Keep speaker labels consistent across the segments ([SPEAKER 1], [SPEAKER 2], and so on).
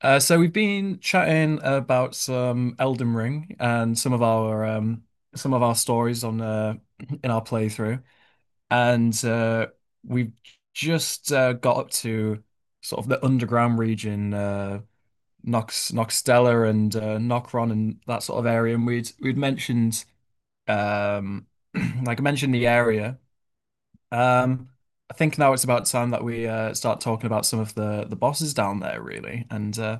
[SPEAKER 1] So we've been chatting about some Elden Ring and some of our stories on in our playthrough, and we've just got up to sort of the underground region, Nox Noxtella and Nokron and that sort of area, and we'd mentioned um, like I mentioned the area. Um, I think now it's about time that we start talking about some of the bosses down there, really, and.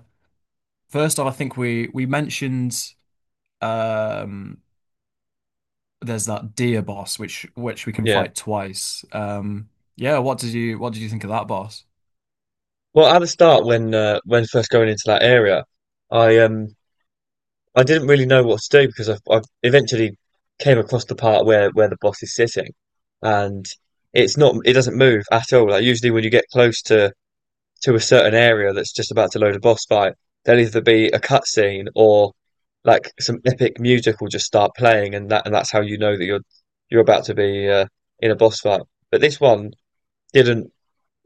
[SPEAKER 1] First off, I think we mentioned um there's that deer boss which we can
[SPEAKER 2] Yeah.
[SPEAKER 1] fight twice. Yeah, what did you think of that boss?
[SPEAKER 2] Well, at the start, when first going into that area, I I didn't really know what to do because I eventually came across the part where the boss is sitting, and it doesn't move at all. Like usually when you get close to a certain area that's just about to load a boss fight, there'll either be a cutscene or like some epic music will just start playing, and that's how you know that you're about to be in a boss fight. But this one didn't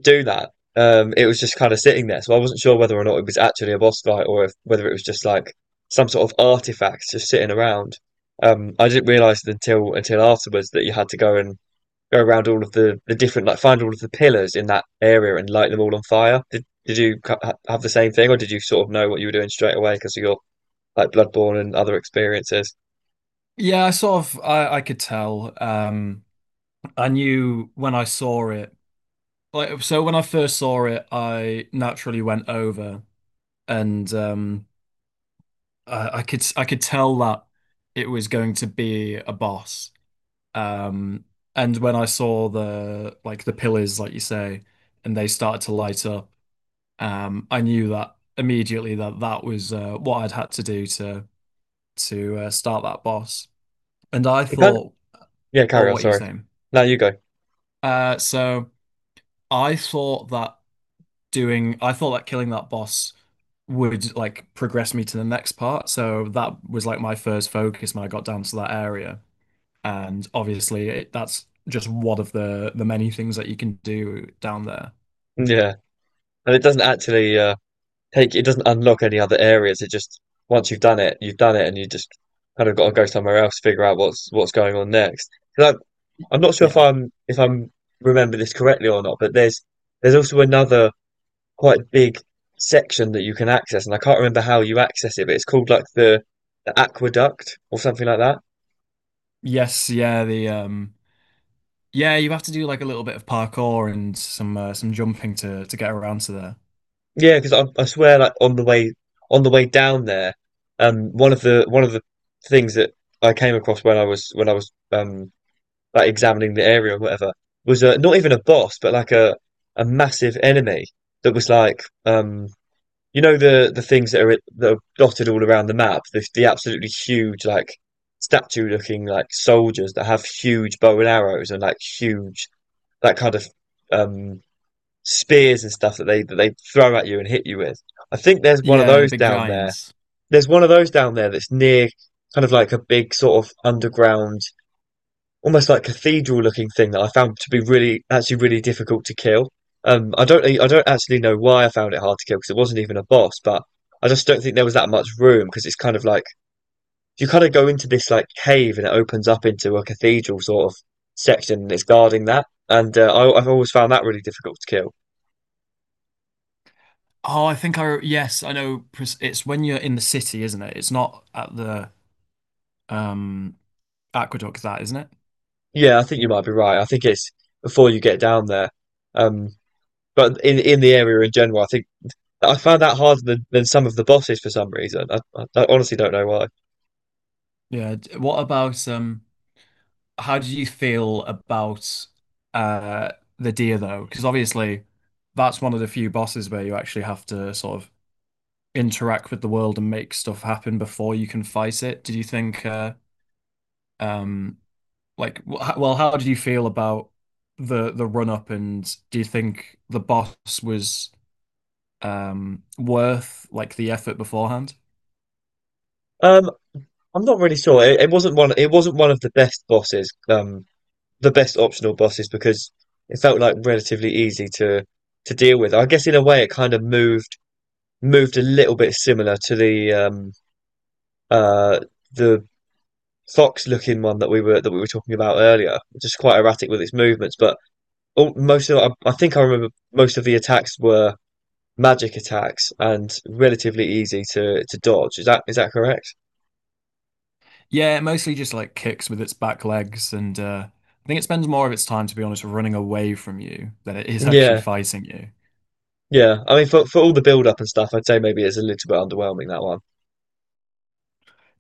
[SPEAKER 2] do that. It was just kind of sitting there. So I wasn't sure whether or not it was actually a boss fight or if, whether it was just like some sort of artifact just sitting around. I didn't realize until afterwards that you had to go and go around all of the different, like, find all of the pillars in that area and light them all on fire. Did you have the same thing, or did you sort of know what you were doing straight away because of your like Bloodborne and other experiences?
[SPEAKER 1] Yeah, I sort of I could tell. I knew when I saw it. Like so when I first saw it, I naturally went over and I could I could tell that it was going to be a boss. Um and when I saw the pillars, like you say, and they started to light up. I knew that immediately that that was what I'd had to do to start that boss. And I
[SPEAKER 2] It kind—
[SPEAKER 1] thought,
[SPEAKER 2] yeah,
[SPEAKER 1] oh,
[SPEAKER 2] carry on,
[SPEAKER 1] what are you
[SPEAKER 2] sorry.
[SPEAKER 1] saying?
[SPEAKER 2] No, you go.
[SPEAKER 1] So I thought I thought that killing that boss would like progress me to the next part. So that was like my first focus when I got down to that area. And obviously, that's just one of the many things that you can do down there.
[SPEAKER 2] Yeah. And it doesn't actually take it doesn't unlock any other areas. It just, once you've done it, you've done it, and you just kind of got to go somewhere else, figure out what's going on next. 'Cause I'm, I'm not sure
[SPEAKER 1] Yeah.
[SPEAKER 2] if I'm remember this correctly or not, but there's also another quite big section that you can access, and I can't remember how you access it, but it's called like the aqueduct or something like that.
[SPEAKER 1] Yes. Yeah. The Yeah, you have to do like a little bit of parkour and some jumping to get around to there.
[SPEAKER 2] Yeah, because I swear, like on the way down there, one of the things that I came across when I was like examining the area or whatever was not even a boss, but like a massive enemy that was like, um, you know the things that are dotted all around the map, the absolutely huge like statue looking like soldiers that have huge bow and arrows and like huge, that kind of, um, spears and stuff that they throw at you and hit you with. I think there's one of
[SPEAKER 1] Yeah, the
[SPEAKER 2] those
[SPEAKER 1] big
[SPEAKER 2] down there.
[SPEAKER 1] giants.
[SPEAKER 2] There's one of those down there that's near kind of like a big sort of underground, almost like cathedral looking thing that I found to be really, actually really difficult to kill. I don't actually know why I found it hard to kill because it wasn't even a boss, but I just don't think there was that much room because it's kind of like you kind of go into this like cave, and it opens up into a cathedral sort of section, and it's guarding that. And I've always found that really difficult to kill.
[SPEAKER 1] Oh, I think I yes, I know. It's when you're in the city, isn't it? It's not at the um aqueduct, that, isn't it?
[SPEAKER 2] Yeah, I think you might be right. I think it's before you get down there. Um, but in the area in general, I think I found that harder than some of the bosses for some reason. I honestly don't know why.
[SPEAKER 1] Yeah. What about? How do you feel about uh the deer though? Because obviously, that's one of the few bosses where you actually have to sort of interact with the world and make stuff happen before you can fight it. Did you think? Um, like, well, how did you feel about the run up, and do you think the boss was worth like the effort beforehand?
[SPEAKER 2] Um, I'm not really sure. It wasn't one of the best bosses. The best optional bosses because it felt like relatively easy to deal with. I guess in a way, it kind of moved a little bit similar to uh the fox looking one that we were talking about earlier, just quite erratic with its movements. But all, most of— I think I remember most of the attacks were magic attacks and relatively easy to dodge. Is that correct?
[SPEAKER 1] Yeah, it mostly just like kicks with its back legs, and I think it spends more of its time, to be honest, running away from you than it is actually
[SPEAKER 2] Yeah,
[SPEAKER 1] fighting you.
[SPEAKER 2] yeah. I mean, for all the build up and stuff, I'd say maybe it's a little bit underwhelming, that one.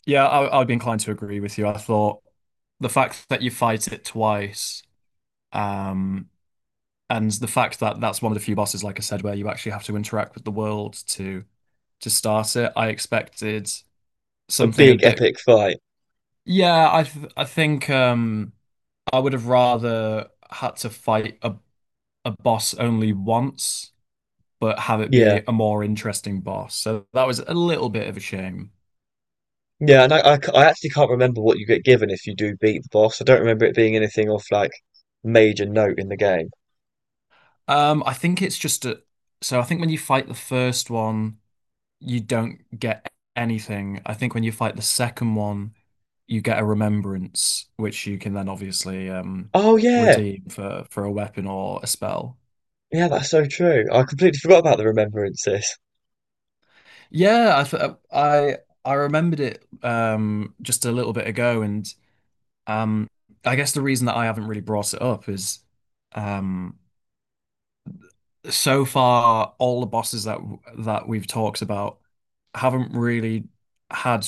[SPEAKER 1] Yeah, I'd be inclined to agree with you. I thought the fact that you fight it twice, um, and the fact that that's one of the few bosses, like I said, where you actually have to interact with the world to start it. I expected
[SPEAKER 2] A
[SPEAKER 1] something a
[SPEAKER 2] big
[SPEAKER 1] bit.
[SPEAKER 2] epic fight.
[SPEAKER 1] Yeah, I think I would have rather had to fight a boss only once, but have it be
[SPEAKER 2] Yeah,
[SPEAKER 1] a more interesting boss. So that was a little bit of a shame.
[SPEAKER 2] yeah. And I actually can't remember what you get given if you do beat the boss. I don't remember it being anything off like major note in the game.
[SPEAKER 1] I think it's just a. So I think when you fight the first one. You don't get anything. I think when you fight the second one, you get a remembrance, which you can then obviously
[SPEAKER 2] Oh yeah,
[SPEAKER 1] redeem for a weapon or a spell.
[SPEAKER 2] yeah. That's so true. I completely forgot about the remembrances.
[SPEAKER 1] Yeah, I th- I remembered it just a little bit ago, and um I guess the reason that I haven't really brought it up is um. so far all the bosses that we've talked about haven't really had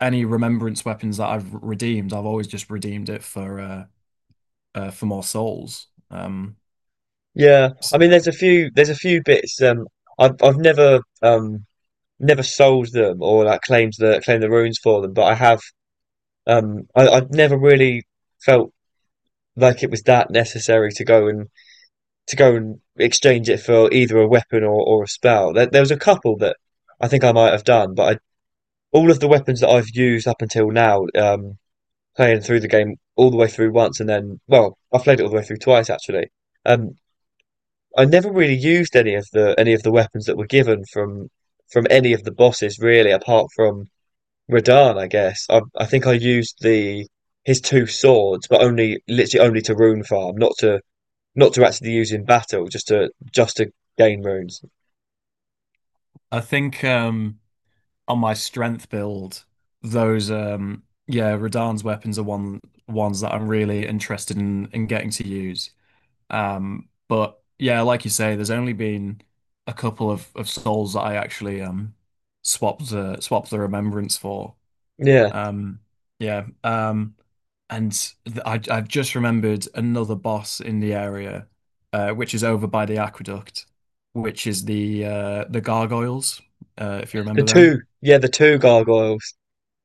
[SPEAKER 1] any remembrance weapons that I've redeemed. I've always just redeemed it for more souls.
[SPEAKER 2] Yeah, I
[SPEAKER 1] So
[SPEAKER 2] mean, there's a few, there's a few bits. I've never never sold them or like claimed the runes for them, but I have, um, I've never really felt like it was that necessary to go and exchange it for either a weapon or a spell. There was a couple that I think I might have done, but all of the weapons that I've used up until now, playing through the game all the way through once, and then, well, I've played it all the way through twice actually. Um, I never really used any of the weapons that were given from any of the bosses really, apart from Radahn, I guess. I think I used the his two swords, but only literally only to rune farm, not to not to actually use in battle, just to gain runes.
[SPEAKER 1] I think on my strength build those yeah Radahn's weapons are ones that I'm really interested in getting to use. But yeah, like you say, there's only been a couple of souls that I actually swapped the remembrance for.
[SPEAKER 2] Yeah,
[SPEAKER 1] Um, yeah. Um, and th I I've just remembered another boss in the area, which is over by the aqueduct, which is the gargoyles, if you remember them.
[SPEAKER 2] yeah, the two gargoyles.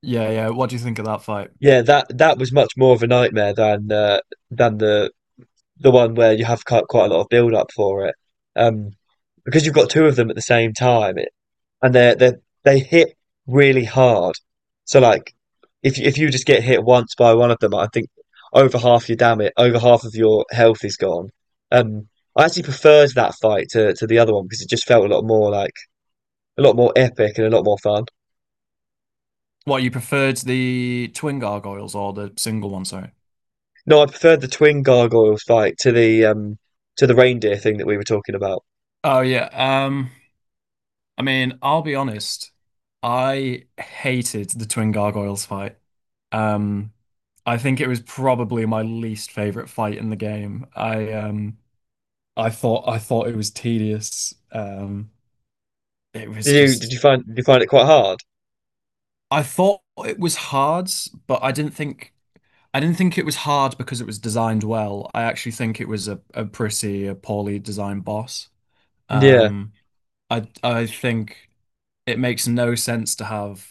[SPEAKER 1] Yeah, yeah. What do you think of that fight?
[SPEAKER 2] Yeah, that that was much more of a nightmare than the one where you have quite a lot of build up for it, um, because you've got two of them at the same time, and they hit really hard. So like, if you just get hit once by one of them, I think over half your damage, over half of your health is gone. Um, I actually preferred that fight to the other one because it just felt a lot more like a lot more epic and a lot more fun.
[SPEAKER 1] What, you preferred the twin gargoyles or the single one, sorry?
[SPEAKER 2] No, I preferred the twin gargoyles fight to the reindeer thing that we were talking about.
[SPEAKER 1] Oh yeah. I mean, I'll be honest. I hated the Twin Gargoyles fight. Um, I think it was probably my least favorite fight in the game. I thought it was tedious. It was
[SPEAKER 2] Did you did
[SPEAKER 1] just
[SPEAKER 2] you find did you find it quite hard?
[SPEAKER 1] I thought it was hard, but I didn't think it was hard because it was designed well. I actually think it was a pretty a poorly designed boss.
[SPEAKER 2] Yeah.
[SPEAKER 1] Um, I think it makes no sense to have.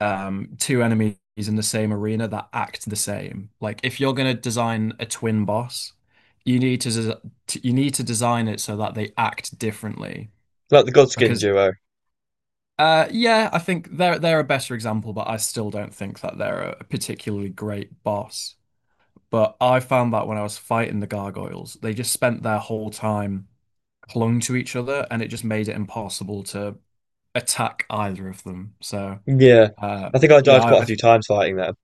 [SPEAKER 1] Two enemies in the same arena that act the same. Like if you're gonna design a twin boss, you need to you need to design it so that they act differently.
[SPEAKER 2] Like the Godskin
[SPEAKER 1] Because
[SPEAKER 2] duo.
[SPEAKER 1] yeah, I think they're a better example, but I still don't think that they're a particularly great boss. But I found that when I was fighting the gargoyles, they just spent their whole time clung to each other, and it just made it impossible to attack either of them. So
[SPEAKER 2] Yeah.
[SPEAKER 1] uh,
[SPEAKER 2] I think I
[SPEAKER 1] yeah,
[SPEAKER 2] died quite a few times fighting them.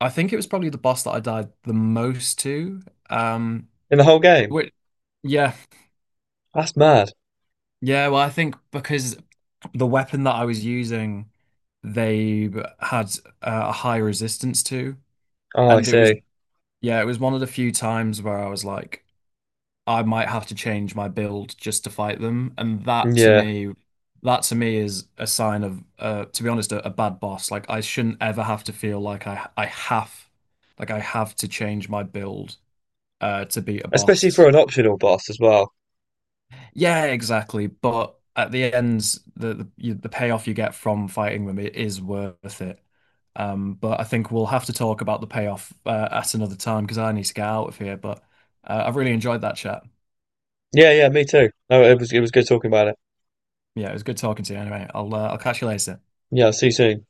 [SPEAKER 1] I think it was probably the boss that I died the most to. Um,
[SPEAKER 2] In the whole game.
[SPEAKER 1] which, yeah,
[SPEAKER 2] That's mad.
[SPEAKER 1] yeah. Well, I think because the weapon that I was using, they had a high resistance to,
[SPEAKER 2] Oh, I
[SPEAKER 1] and it was
[SPEAKER 2] see.
[SPEAKER 1] yeah, it was one of the few times where I was like, I might have to change my build just to fight them, and
[SPEAKER 2] Yeah.
[SPEAKER 1] that to me is a sign of, to be honest, a bad boss. Like I shouldn't ever have to feel like I have, like I have to change my build to beat a
[SPEAKER 2] Especially for
[SPEAKER 1] boss.
[SPEAKER 2] an optional boss as well.
[SPEAKER 1] Yeah, exactly. But at the end, the payoff you get from fighting them it is worth it. But I think we'll have to talk about the payoff at another time because I need to get out of here. But I've really enjoyed that chat.
[SPEAKER 2] Yeah, yeah, me too. No, it was good talking about it.
[SPEAKER 1] Yeah, it was good talking to you. Anyway, I'll catch you later.
[SPEAKER 2] Yeah, see you soon.